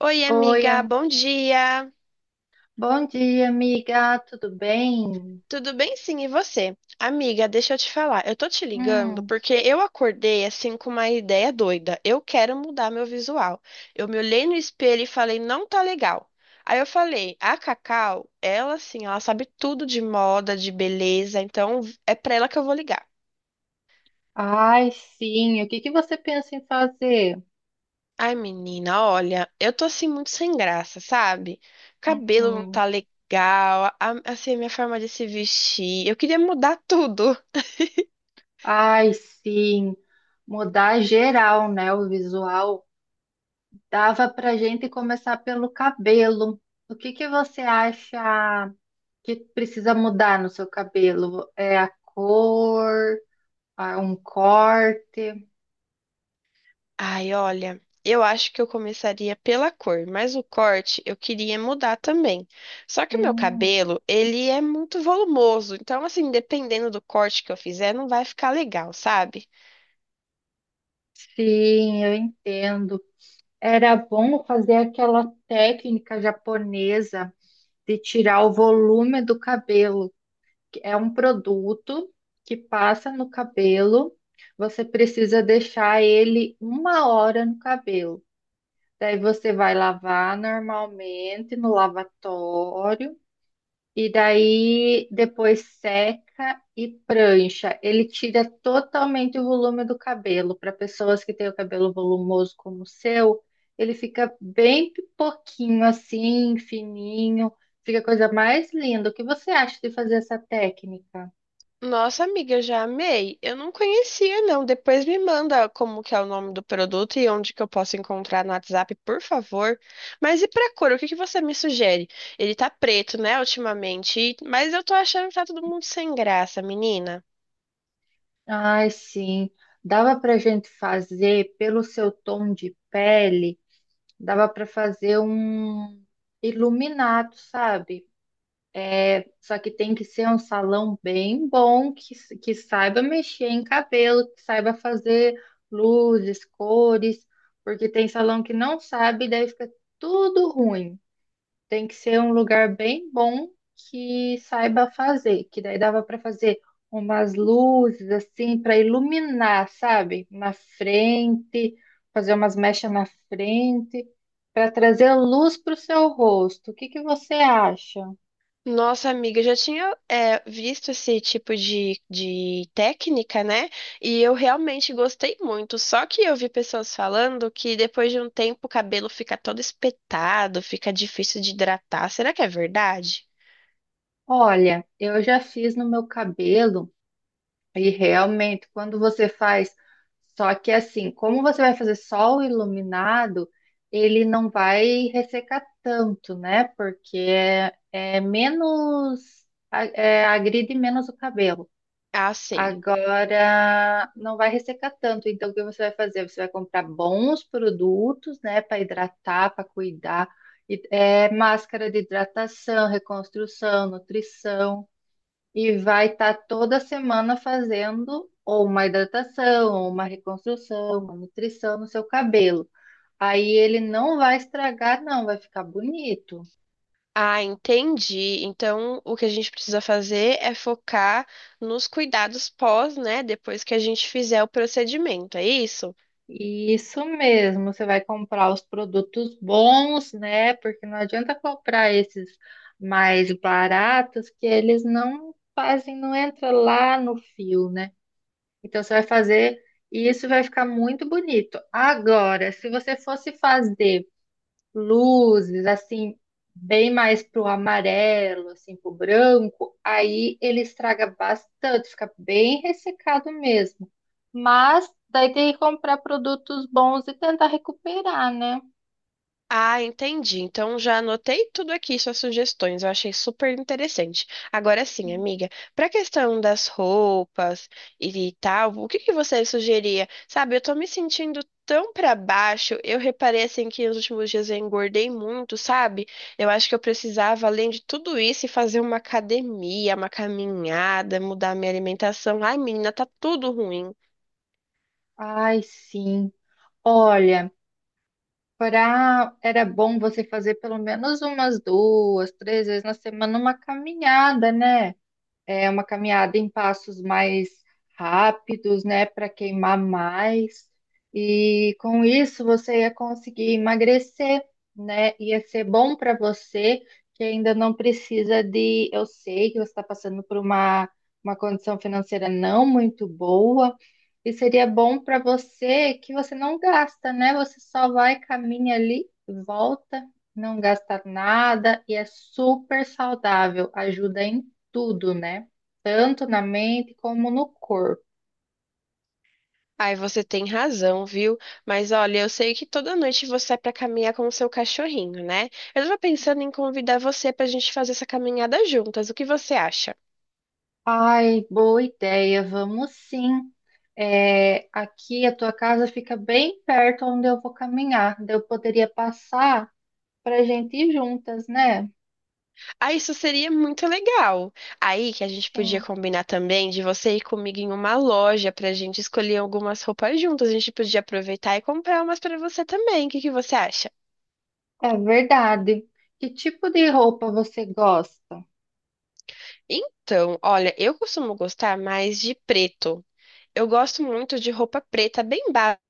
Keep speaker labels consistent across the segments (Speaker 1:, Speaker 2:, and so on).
Speaker 1: Oi,
Speaker 2: Oi,
Speaker 1: amiga, bom dia.
Speaker 2: bom dia, amiga. Tudo bem?
Speaker 1: Tudo bem? Sim, e você? Amiga, deixa eu te falar. Eu tô te ligando
Speaker 2: Hum.
Speaker 1: porque eu acordei assim com uma ideia doida. Eu quero mudar meu visual. Eu me olhei no espelho e falei, não tá legal. Aí eu falei, a Cacau, ela assim, ela sabe tudo de moda, de beleza, então é pra ela que eu vou ligar.
Speaker 2: Ai, sim. O que que você pensa em fazer?
Speaker 1: Ai, menina, olha, eu tô assim muito sem graça, sabe? Cabelo não
Speaker 2: Uhum.
Speaker 1: tá legal, assim, a minha forma de se vestir. Eu queria mudar tudo.
Speaker 2: Ai, sim. Mudar geral, né? O visual. Dava pra gente começar pelo cabelo. O que que você acha que precisa mudar no seu cabelo? É a cor, ah, um corte?
Speaker 1: Ai, olha, eu acho que eu começaria pela cor, mas o corte eu queria mudar também. Só que o meu
Speaker 2: Hum.
Speaker 1: cabelo, ele é muito volumoso, então assim, dependendo do corte que eu fizer, não vai ficar legal, sabe?
Speaker 2: Sim, eu entendo. Era bom fazer aquela técnica japonesa de tirar o volume do cabelo. Que É um produto que passa no cabelo, você precisa deixar ele uma hora no cabelo. Daí você vai lavar normalmente no lavatório. E daí depois seca e prancha. Ele tira totalmente o volume do cabelo. Para pessoas que têm o cabelo volumoso como o seu, ele fica bem pouquinho assim, fininho. Fica a coisa mais linda. O que você acha de fazer essa técnica?
Speaker 1: Nossa, amiga, eu já amei. Eu não conhecia, não. Depois me manda como que é o nome do produto e onde que eu posso encontrar no WhatsApp, por favor. Mas e pra cor, o que que você me sugere? Ele tá preto, né, ultimamente, mas eu tô achando que tá todo mundo sem graça, menina.
Speaker 2: Ai, sim. Dava para gente fazer pelo seu tom de pele, dava para fazer um iluminado, sabe? Só que tem que ser um salão bem bom, que saiba mexer em cabelo, que saiba fazer luzes, cores, porque tem salão que não sabe, daí fica tudo ruim. Tem que ser um lugar bem bom que saiba fazer, que daí dava para fazer umas luzes assim para iluminar, sabe? Na frente, fazer umas mechas na frente, para trazer luz para o seu rosto. O que que você acha?
Speaker 1: Nossa, amiga, eu já tinha visto esse tipo de técnica, né? E eu realmente gostei muito. Só que eu vi pessoas falando que depois de um tempo o cabelo fica todo espetado, fica difícil de hidratar. Será que é verdade?
Speaker 2: Olha, eu já fiz no meu cabelo e realmente quando você faz, só que assim, como você vai fazer sol iluminado, ele não vai ressecar tanto, né? Porque é menos, agride menos o cabelo.
Speaker 1: Ah, sim.
Speaker 2: Agora não vai ressecar tanto, então o que você vai fazer? Você vai comprar bons produtos, né, para hidratar, para cuidar, máscara de hidratação, reconstrução, nutrição. E vai estar toda semana fazendo ou uma hidratação, ou uma reconstrução, uma nutrição no seu cabelo. Aí ele não vai estragar, não, vai ficar bonito.
Speaker 1: Ah, entendi. Então, o que a gente precisa fazer é focar nos cuidados pós, né? Depois que a gente fizer o procedimento, é isso?
Speaker 2: Isso mesmo, você vai comprar os produtos bons, né? Porque não adianta comprar esses mais baratos que eles não fazem, não entra lá no fio, né? Então você vai fazer e isso vai ficar muito bonito. Agora, se você fosse fazer luzes, assim, bem mais pro amarelo, assim, pro branco, aí ele estraga bastante, fica bem ressecado mesmo. Mas daí tem que comprar produtos bons e tentar recuperar, né?
Speaker 1: Ah, entendi. Então já anotei tudo aqui, suas sugestões. Eu achei super interessante. Agora sim, amiga, para a questão das roupas e tal, o que que você sugeria? Sabe, eu tô me sentindo tão para baixo. Eu reparei assim que nos últimos dias eu engordei muito, sabe? Eu acho que eu precisava, além de tudo isso, ir fazer uma academia, uma caminhada, mudar minha alimentação. Ai, menina, tá tudo ruim.
Speaker 2: Ai, sim. Olha, pra... era bom você fazer pelo menos umas duas, três vezes na semana uma caminhada, né? É uma caminhada em passos mais rápidos, né, para queimar mais. E com isso você ia conseguir emagrecer, né? Ia ser bom para você que ainda não precisa de. Eu sei que você está passando uma condição financeira não muito boa, e seria bom para você que você não gasta, né? Você só vai, caminha ali, volta, não gasta nada e é super saudável, ajuda em tudo, né? Tanto na mente como no corpo.
Speaker 1: Ai, você tem razão, viu? Mas olha, eu sei que toda noite você é pra caminhar com o seu cachorrinho, né? Eu tava pensando em convidar você pra gente fazer essa caminhada juntas. O que você acha?
Speaker 2: Ai, boa ideia, vamos sim. É, aqui a tua casa fica bem perto onde eu vou caminhar. Daí eu poderia passar para a gente ir juntas, né?
Speaker 1: Ah, isso seria muito legal. Aí que a gente podia
Speaker 2: Sim,
Speaker 1: combinar também de você ir comigo em uma loja pra gente escolher algumas roupas juntas. A gente podia aproveitar e comprar umas pra você também. O que que você acha?
Speaker 2: é verdade. Que tipo de roupa você gosta?
Speaker 1: Então, olha, eu costumo gostar mais de preto. Eu gosto muito de roupa preta bem básica.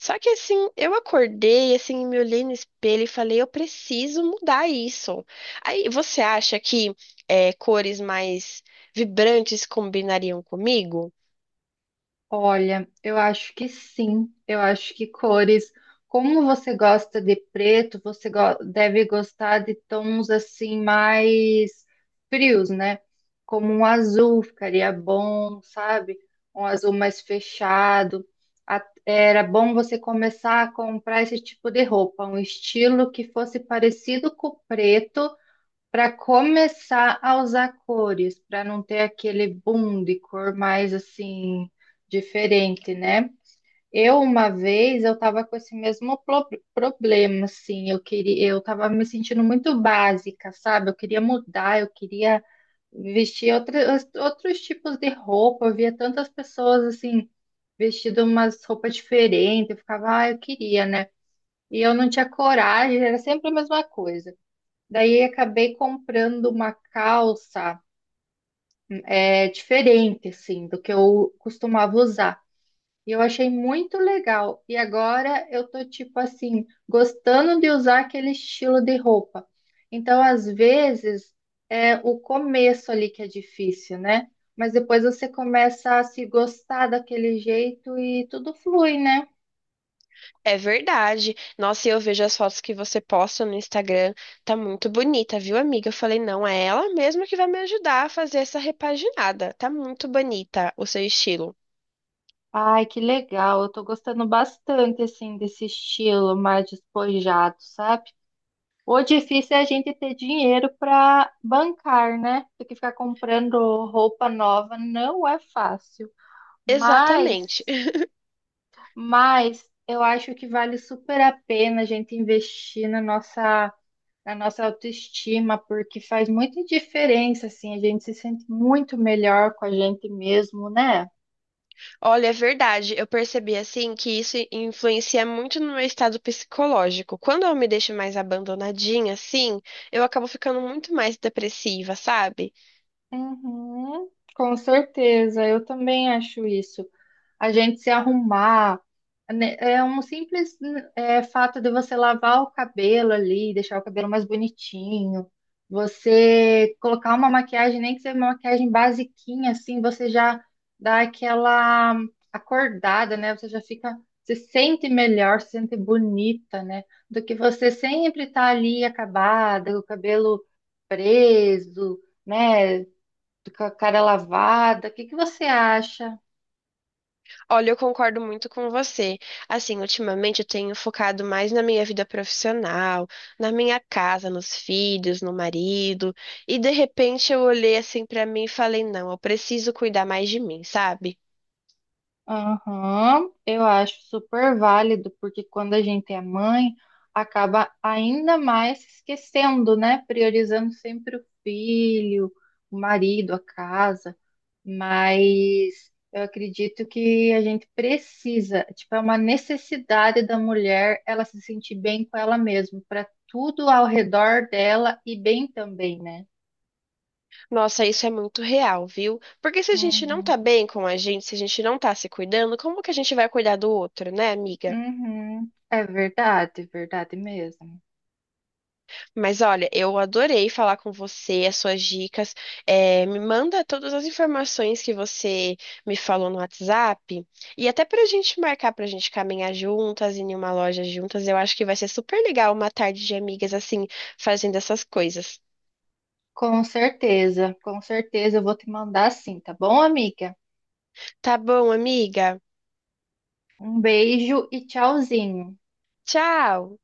Speaker 1: Só que assim, eu acordei, assim, me olhei no espelho e falei, eu preciso mudar isso. Aí, você acha que cores mais vibrantes combinariam comigo?
Speaker 2: Olha, eu acho que sim. Eu acho que cores, como você gosta de preto, deve gostar de tons assim mais frios, né? Como um azul ficaria bom, sabe? Um azul mais fechado. Era bom você começar a comprar esse tipo de roupa, um estilo que fosse parecido com o preto. Para começar a usar cores, para não ter aquele boom de cor mais assim diferente, né? Eu uma vez eu tava com esse problema, assim, eu queria, eu tava me sentindo muito básica, sabe? Eu queria mudar, eu queria vestir outros tipos de roupa. Eu via tantas pessoas assim vestindo umas roupas diferentes, eu ficava, ah, eu queria, né? E eu não tinha coragem, era sempre a mesma coisa. Daí acabei comprando uma calça diferente, assim, do que eu costumava usar. E eu achei muito legal. E agora eu tô, tipo assim, gostando de usar aquele estilo de roupa. Então, às vezes, é o começo ali que é difícil, né? Mas depois você começa a se gostar daquele jeito e tudo flui, né?
Speaker 1: É verdade. Nossa, e eu vejo as fotos que você posta no Instagram, tá muito bonita, viu, amiga? Eu falei, não, é ela mesma que vai me ajudar a fazer essa repaginada. Tá muito bonita o seu estilo.
Speaker 2: Ai, que legal. Eu tô gostando bastante, assim, desse estilo mais despojado, sabe? O difícil é a gente ter dinheiro para bancar, né? Porque ficar comprando roupa nova não é fácil. Mas,
Speaker 1: Exatamente.
Speaker 2: mas eu acho que vale super a pena a gente investir na nossa autoestima, porque faz muita diferença, assim, a gente se sente muito melhor com a gente mesmo, né?
Speaker 1: Olha, é verdade. Eu percebi assim que isso influencia muito no meu estado psicológico. Quando eu me deixo mais abandonadinha, assim, eu acabo ficando muito mais depressiva, sabe?
Speaker 2: Uhum, com certeza, eu também acho isso. A gente se arrumar. Né, É um simples fato de você lavar o cabelo ali, deixar o cabelo mais bonitinho, você colocar uma maquiagem, nem que seja uma maquiagem basiquinha, assim, você já dá aquela acordada, né? Você já fica, se sente melhor, se sente bonita, né? Do que você sempre estar ali acabada, com o cabelo preso, né? Com a cara lavada. O que que você acha?
Speaker 1: Olha, eu concordo muito com você. Assim, ultimamente eu tenho focado mais na minha vida profissional, na minha casa, nos filhos, no marido, e de repente eu olhei assim pra mim e falei, não, eu preciso cuidar mais de mim, sabe?
Speaker 2: Aham, eu acho super válido, porque quando a gente é mãe, acaba ainda mais se esquecendo, né? Priorizando sempre o filho, o marido, a casa. Mas eu acredito que a gente precisa, tipo, é uma necessidade da mulher ela se sentir bem com ela mesma, para tudo ao redor dela e bem também, né?
Speaker 1: Nossa, isso é muito real, viu? Porque se a gente não
Speaker 2: Uhum,
Speaker 1: tá bem com a gente, se a gente não tá se cuidando, como que a gente vai cuidar do outro, né, amiga?
Speaker 2: uhum. É verdade, verdade mesmo.
Speaker 1: Mas olha, eu adorei falar com você, as suas dicas. É, me manda todas as informações que você me falou no WhatsApp. E até pra gente marcar, pra gente caminhar juntas, ir em uma loja juntas, eu acho que vai ser super legal uma tarde de amigas assim, fazendo essas coisas.
Speaker 2: Com certeza eu vou te mandar sim, tá bom, amiga?
Speaker 1: Tá bom, amiga?
Speaker 2: Um beijo e tchauzinho.
Speaker 1: Tchau!